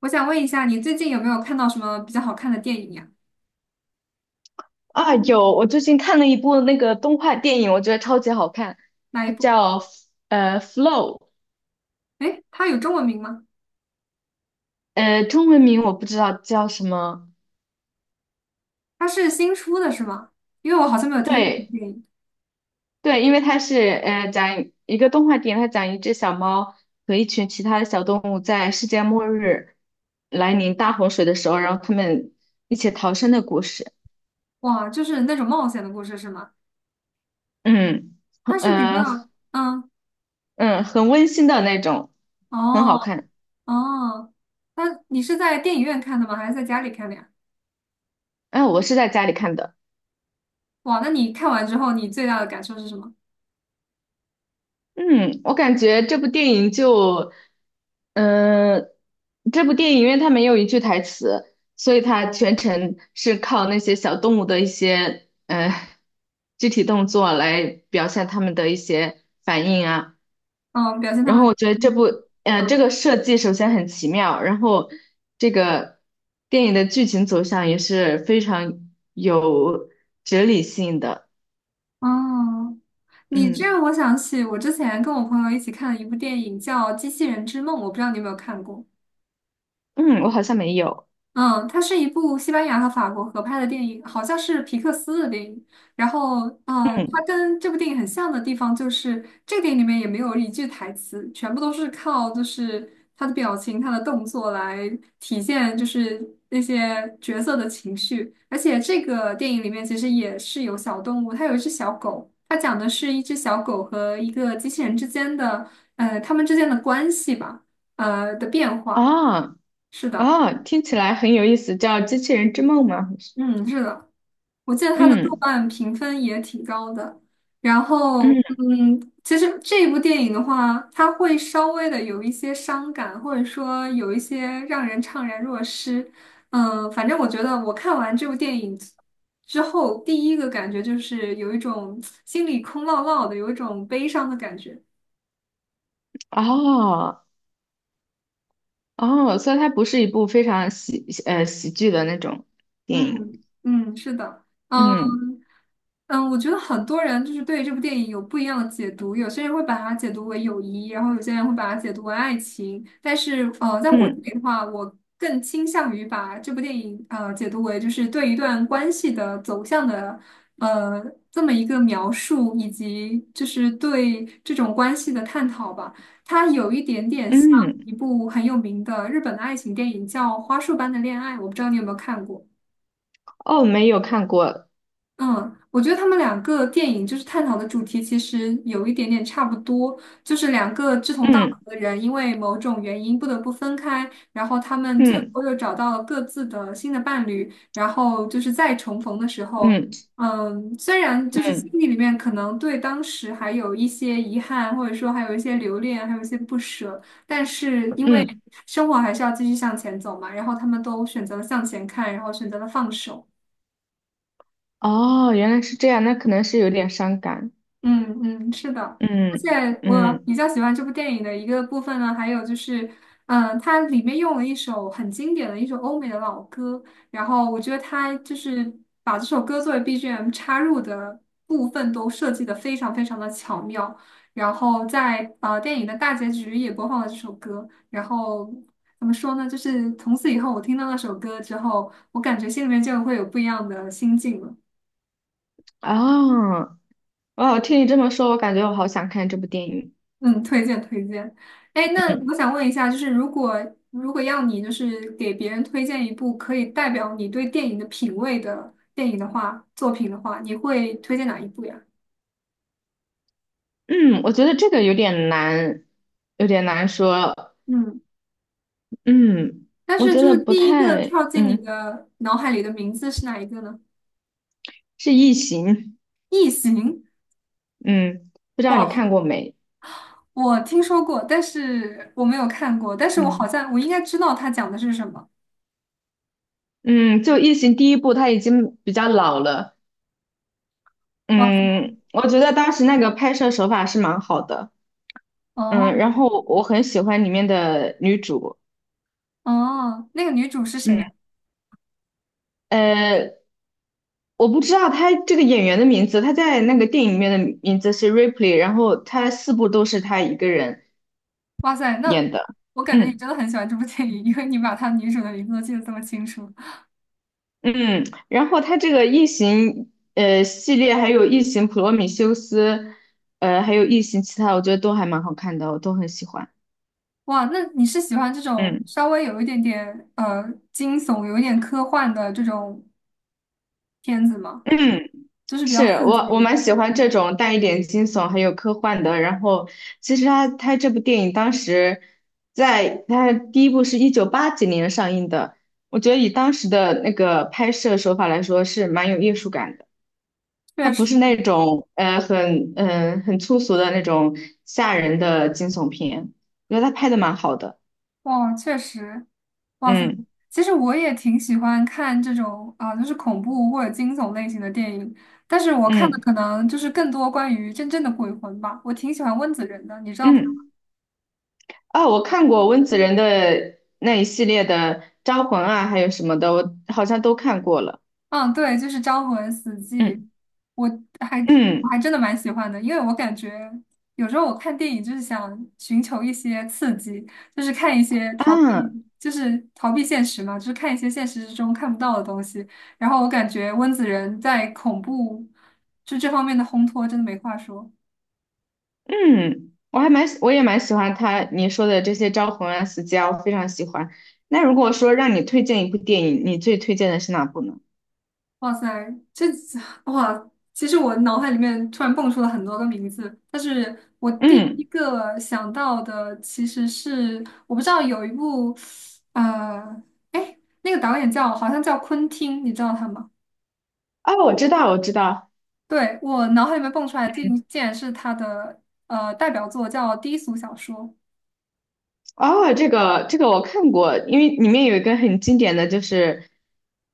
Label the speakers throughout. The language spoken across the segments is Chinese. Speaker 1: 我想问一下，你最近有没有看到什么比较好看的电影呀？
Speaker 2: 啊，有，我最近看了一部那个动画电影，我觉得超级好看，
Speaker 1: 哪
Speaker 2: 它
Speaker 1: 一部？
Speaker 2: 叫《Flow》，
Speaker 1: 诶，它有中文名吗？
Speaker 2: 中文名我不知道叫什么。
Speaker 1: 它是新出的是吗？因为我好像没有听过这部
Speaker 2: 对
Speaker 1: 电影。
Speaker 2: 对，因为它是讲一个动画电影，它讲一只小猫和一群其他的小动物在世界末日来临大洪水的时候，然后他们一起逃生的故事。
Speaker 1: 哇，就是那种冒险的故事是吗？
Speaker 2: 嗯，
Speaker 1: 它是比
Speaker 2: 呃
Speaker 1: 较，嗯，
Speaker 2: 嗯，很温馨的那种，很
Speaker 1: 哦
Speaker 2: 好看。
Speaker 1: 哦，那你是在电影院看的吗？还是在家里看的呀？
Speaker 2: 哎、我是在家里看的。
Speaker 1: 哇，那你看完之后，你最大的感受是什么？
Speaker 2: 嗯，我感觉这部电影就，嗯、这部电影因为它没有一句台词，所以它全程是靠那些小动物的一些肢体动作来表现它们的一些反应啊。
Speaker 1: 嗯，表现他
Speaker 2: 然后
Speaker 1: 们。
Speaker 2: 我觉得这个设计首先很奇妙，然后这个电影的剧情走向也是非常有哲理性的。
Speaker 1: 哦，你这
Speaker 2: 嗯
Speaker 1: 让我想起我之前跟我朋友一起看了一部电影叫《机器人之梦》，我不知道你有没有看过。
Speaker 2: 嗯，我好像没有。
Speaker 1: 嗯，它是一部西班牙和法国合拍的电影，好像是皮克斯的电影。然后，
Speaker 2: 嗯
Speaker 1: 它跟这部电影很像的地方就是，这个电影里面也没有一句台词，全部都是靠就是他的表情、他的动作来体现，就是那些角色的情绪。而且这个电影里面其实也是有小动物，它有一只小狗，它讲的是一只小狗和一个机器人之间的，他们之间的关系吧，的变化。
Speaker 2: 啊。哦
Speaker 1: 是的，
Speaker 2: 哦，听起来很有意思，叫《机器人之梦》吗？好像是。
Speaker 1: 嗯，是的。我记得它的豆
Speaker 2: 嗯
Speaker 1: 瓣评分也挺高的。然后，
Speaker 2: 嗯，
Speaker 1: 嗯，其实这部电影的话，它会稍微的有一些伤感，或者说有一些让人怅然若失。嗯，反正我觉得我看完这部电影之后，第一个感觉就是有一种心里空落落的，有一种悲伤的感觉。
Speaker 2: 哦哦，所以它不是一部非常喜剧的那种电影。
Speaker 1: 嗯嗯，是的，嗯。
Speaker 2: 嗯
Speaker 1: 嗯，我觉得很多人就是对这部电影有不一样的解读，有些人会把它解读为友谊，然后有些人会把它解读为爱情。但是，在我这
Speaker 2: 嗯
Speaker 1: 里的话，我更倾向于把这部电影解读为就是对一段关系的走向的呃这么一个描述，以及就是对这种关系的探讨吧。它有一点点像
Speaker 2: 嗯，
Speaker 1: 一部很有名的日本的爱情电影，叫《花束般的恋爱》，我不知道你有没有看过。
Speaker 2: 哦，没有看过。
Speaker 1: 嗯，我觉得他们两个电影就是探讨的主题其实有一点点差不多，就是两个志同道
Speaker 2: 嗯
Speaker 1: 合的人因为某种原因不得不分开，然后他们最
Speaker 2: 嗯
Speaker 1: 后又找到了各自的新的伴侣，然后就是再重逢的时候，
Speaker 2: 嗯
Speaker 1: 嗯，虽然就是心
Speaker 2: 嗯
Speaker 1: 里里面可能对当时还有一些遗憾，或者说还有一些留恋，还有一些不舍，但是因为
Speaker 2: 嗯，
Speaker 1: 生活还是要继续向前走嘛，然后他们都选择了向前看，然后选择了放手。
Speaker 2: 哦，原来是这样，那可能是有点伤感。
Speaker 1: 嗯嗯，是的，而
Speaker 2: 嗯
Speaker 1: 且我
Speaker 2: 嗯，
Speaker 1: 比较喜欢这部电影的一个部分呢，还有就是，它里面用了一首很经典的一首欧美的老歌，然后我觉得它就是把这首歌作为 BGM 插入的部分都设计的非常非常的巧妙，然后在电影的大结局也播放了这首歌，然后怎么说呢，就是从此以后我听到那首歌之后，我感觉心里面就会有不一样的心境了。
Speaker 2: 哦哦，听你这么说，我感觉我好想看这部电影。
Speaker 1: 嗯，推荐推荐。哎，那
Speaker 2: 嗯
Speaker 1: 我想问一下，就是如果要你就是给别人推荐一部可以代表你对电影的品味的电影的话，作品的话，你会推荐哪一部呀？
Speaker 2: 嗯，我觉得这个有点难，有点难说。
Speaker 1: 嗯，
Speaker 2: 嗯，
Speaker 1: 但
Speaker 2: 我
Speaker 1: 是
Speaker 2: 觉
Speaker 1: 就
Speaker 2: 得
Speaker 1: 是
Speaker 2: 不
Speaker 1: 第一个
Speaker 2: 太，
Speaker 1: 跳进你的脑海里的名字是哪一个呢？
Speaker 2: 是《异形》，
Speaker 1: 异形，
Speaker 2: 嗯，不知道你
Speaker 1: 哇，
Speaker 2: 看过没？
Speaker 1: 我听说过，但是我没有看过，但是我好
Speaker 2: 嗯
Speaker 1: 像我应该知道它讲的是什么。
Speaker 2: 嗯，就《异形》第一部，它已经比较老了，
Speaker 1: 哇塞，
Speaker 2: 嗯，我觉
Speaker 1: 嗯，
Speaker 2: 得当时那个拍摄手法是蛮好的，
Speaker 1: 哦
Speaker 2: 然后我很喜欢里面的女主，
Speaker 1: 哦，那个女主是
Speaker 2: 嗯，
Speaker 1: 谁？
Speaker 2: 呃，我不知道她这个演员的名字，她在那个电影里面的名字是 Ripley，然后她四部都是她一个人
Speaker 1: 哇塞，那
Speaker 2: 演的，
Speaker 1: 我感觉你
Speaker 2: 嗯。
Speaker 1: 真的很喜欢这部电影，因为你把它女主的名字都记得这么清楚。
Speaker 2: 嗯，然后它这个异形系列，还有异形普罗米修斯，还有异形其他，我觉得都还蛮好看的，我都很喜欢。
Speaker 1: 哇，那你是喜欢这种
Speaker 2: 嗯
Speaker 1: 稍微有一点点惊悚、有一点科幻的这种片子吗？
Speaker 2: 嗯，
Speaker 1: 就是比
Speaker 2: 是，
Speaker 1: 较刺
Speaker 2: 我
Speaker 1: 激
Speaker 2: 我
Speaker 1: 的。
Speaker 2: 蛮喜欢这种带一点惊悚还有科幻的。然后其实他这部电影当时在他第一部是198几年上映的，我觉得以当时的那个拍摄手法来说是蛮有艺术感的。它
Speaker 1: 确
Speaker 2: 不
Speaker 1: 实，
Speaker 2: 是那种很粗俗的那种吓人的惊悚片，我觉得他拍的蛮好的。
Speaker 1: 哇，确实，哇塞，
Speaker 2: 嗯
Speaker 1: 其实我也挺喜欢看这种啊、就是恐怖或者惊悚类型的电影，但是我看的
Speaker 2: 嗯
Speaker 1: 可能就是更多关于真正的鬼魂吧。我挺喜欢温子仁的，你知道他。
Speaker 2: 嗯，啊，我看过温子仁的那一系列的《招魂》啊，还有什么的，我好像都看过了。
Speaker 1: 嗯，对，就是《招魂死寂》，
Speaker 2: 嗯
Speaker 1: 我还我还
Speaker 2: 嗯
Speaker 1: 真的蛮喜欢的，因为我感觉有时候我看电影就是想寻求一些刺激，就是看一些逃避，
Speaker 2: 啊
Speaker 1: 就是逃避现实嘛，就是看一些现实之中看不到的东西。然后我感觉温子仁在恐怖就这方面的烘托真的没话说。
Speaker 2: 嗯，我也蛮喜欢他你说的这些《招魂》啊、《死寂》啊我非常喜欢。那如果说让你推荐一部电影，你最推荐的是哪部呢？
Speaker 1: 哇塞，这哇，其实我脑海里面突然蹦出了很多个名字，但是我第一
Speaker 2: 嗯，
Speaker 1: 个想到的其实是我不知道有一部，呃，哎，那个导演叫好像叫昆汀，你知道他吗？
Speaker 2: 哦，我知道，我知道。
Speaker 1: 对，我脑海里面蹦出来的竟然是他的代表作叫《低俗小说》，
Speaker 2: 哦，这个我看过，因为里面有一个很经典的就是，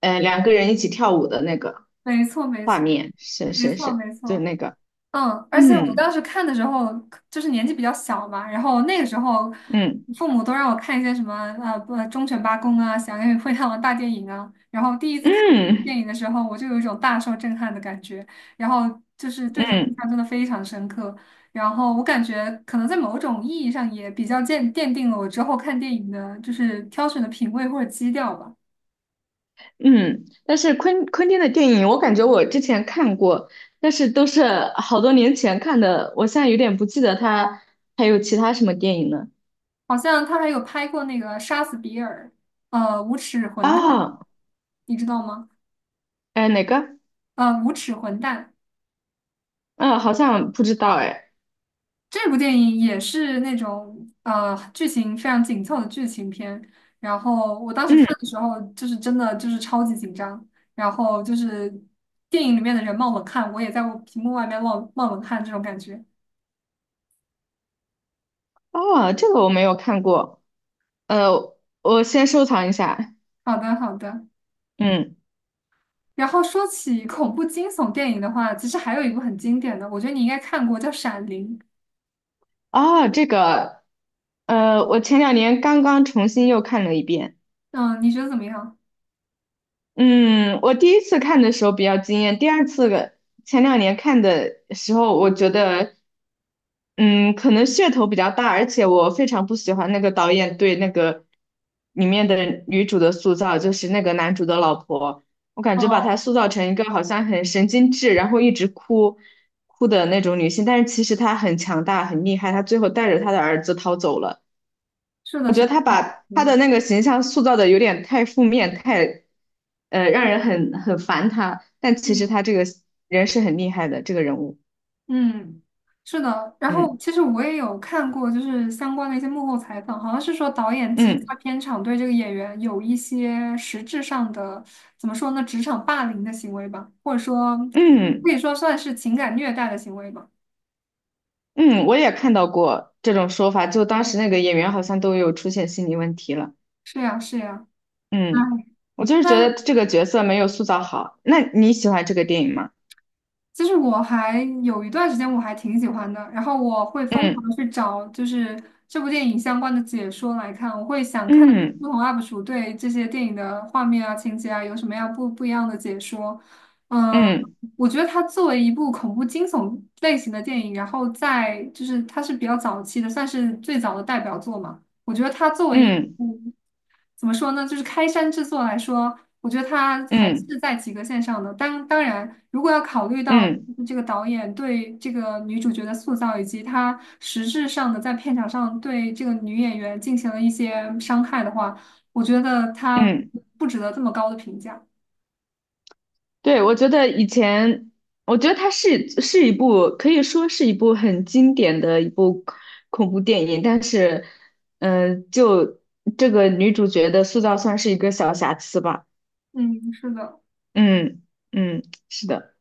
Speaker 2: 两个人一起跳舞的那个
Speaker 1: 没错，没
Speaker 2: 画
Speaker 1: 错，
Speaker 2: 面，是
Speaker 1: 没
Speaker 2: 是
Speaker 1: 错，
Speaker 2: 是，
Speaker 1: 没
Speaker 2: 就是
Speaker 1: 错。
Speaker 2: 那个，
Speaker 1: 嗯，而且我当
Speaker 2: 嗯
Speaker 1: 时看的时候，就是年纪比较小嘛，然后那个时候，
Speaker 2: 嗯
Speaker 1: 父母都让我看一些什么不忠犬八公啊、响亮与灰太狼大电影啊，然后第一次看这部电
Speaker 2: 嗯
Speaker 1: 影的时候，我就有一种大受震撼的感觉，然后就是对他印
Speaker 2: 嗯
Speaker 1: 象真的非常深刻，然后我感觉可能在某种意义上也比较奠定了我之后看电影的就是挑选的品味或者基调吧。
Speaker 2: 嗯。但是昆汀的电影，我感觉我之前看过，但是都是好多年前看的，我现在有点不记得他还有其他什么电影呢。
Speaker 1: 好像他还有拍过那个《杀死比尔》，《无耻混蛋》，
Speaker 2: 啊，
Speaker 1: 你知道吗？
Speaker 2: 哎，哪个？
Speaker 1: 《无耻混蛋》。
Speaker 2: 嗯，好像不知道哎。
Speaker 1: 这部电影也是那种剧情非常紧凑的剧情片，然后我当时看
Speaker 2: 嗯
Speaker 1: 的时候就是真的就是超级紧张，然后就是电影里面的人冒冷汗，我也在我屏幕外面冒冷汗这种感觉。
Speaker 2: 哦，这个我没有看过，呃，我先收藏一下。
Speaker 1: 好的，好的。
Speaker 2: 嗯，
Speaker 1: 然后说起恐怖惊悚电影的话，其实还有一部很经典的，我觉得你应该看过，叫《闪灵》。
Speaker 2: 哦，这个，我前两年刚刚重新又看了一遍。
Speaker 1: 嗯，你觉得怎么样？
Speaker 2: 嗯，我第一次看的时候比较惊艳，第二次个前两年看的时候，我觉得，嗯，可能噱头比较大，而且我非常不喜欢那个导演对那个里面的女主的塑造，就是那个男主的老婆，我感觉把她
Speaker 1: 嗯，
Speaker 2: 塑造成一个好像很神经质，然后一直哭的那种女性，但是其实她很强大、很厉害，她最后带着她的儿子逃走了。
Speaker 1: 是的，
Speaker 2: 我觉
Speaker 1: 是
Speaker 2: 得
Speaker 1: 的，
Speaker 2: 他
Speaker 1: 我
Speaker 2: 把
Speaker 1: 同
Speaker 2: 他的
Speaker 1: 意。
Speaker 2: 那个形象塑造的有点太负面，太让人很烦他。但其实
Speaker 1: 嗯。
Speaker 2: 他这个人是很厉害的，这个人物，
Speaker 1: 嗯，是的。然
Speaker 2: 嗯
Speaker 1: 后其实我也有看过，就是相关的一些幕后采访，好像是说导演其实
Speaker 2: 嗯
Speaker 1: 他片场对这个演员有一些实质上的，怎么说呢，职场霸凌的行为吧，或者说可
Speaker 2: 嗯
Speaker 1: 以说算是情感虐待的行为吧。
Speaker 2: 嗯，我也看到过这种说法，就当时那个演员好像都有出现心理问题了。
Speaker 1: 是呀，是呀。哎，
Speaker 2: 嗯，我就是觉得
Speaker 1: 但
Speaker 2: 这个角色没有塑造好。那你喜欢这个电影吗？
Speaker 1: 其实我还有一段时间我还挺喜欢的，然后我会疯
Speaker 2: 嗯
Speaker 1: 狂地去找就是这部电影相关的解说来看，我会想看不
Speaker 2: 嗯
Speaker 1: 同 UP 主对这些电影的画面啊、情节啊有什么样不一样的解说。嗯，
Speaker 2: 嗯
Speaker 1: 我觉得它作为一部恐怖惊悚类型的电影，然后在就是它是比较早期的，算是最早的代表作嘛。我觉得它作为一
Speaker 2: 嗯
Speaker 1: 部怎么说呢，就是开山之作来说，我觉得它还
Speaker 2: 嗯
Speaker 1: 是在及格线上的。当然，如果要考虑到
Speaker 2: 嗯嗯。
Speaker 1: 就是这个导演对这个女主角的塑造，以及他实质上的在片场上对这个女演员进行了一些伤害的话，我觉得它
Speaker 2: 嗯
Speaker 1: 不值得这么高的评价。
Speaker 2: 对，我觉得以前，我觉得它是一部可以说是一部很经典的一部恐怖电影，但是，就这个女主角的塑造算是一个小瑕疵吧。
Speaker 1: 嗯，是的。
Speaker 2: 嗯嗯，是的。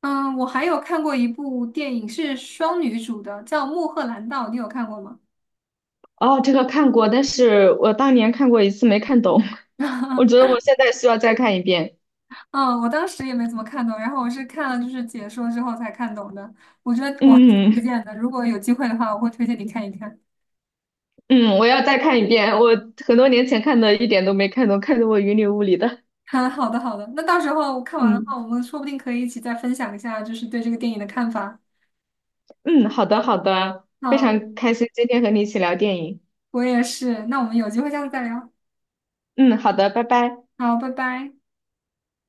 Speaker 1: 嗯，我还有看过一部电影是双女主的，叫《穆赫兰道》，你有看过吗？
Speaker 2: 哦，这个看过，但是我当年看过一次没看懂，我觉得 我现在需要再看一遍。
Speaker 1: 嗯，我当时也没怎么看懂，然后我是看了就是解说之后才看懂的。我觉得我还挺推
Speaker 2: 嗯
Speaker 1: 荐的，如果有机会的话，我会推荐你看一看。
Speaker 2: 嗯，我要再看一遍，我很多年前看的，一点都没看懂，看得我云里雾里的。
Speaker 1: 嗯，好的好的，那到时候看完的话，
Speaker 2: 嗯。
Speaker 1: 我们说不定可以一起再分享一下，就是对这个电影的看法。
Speaker 2: 嗯，好的，好的，非
Speaker 1: 好，
Speaker 2: 常开心今天和你一起聊电影。
Speaker 1: 我也是，那我们有机会下次再聊。
Speaker 2: 嗯，好的，拜拜。
Speaker 1: 好，拜拜。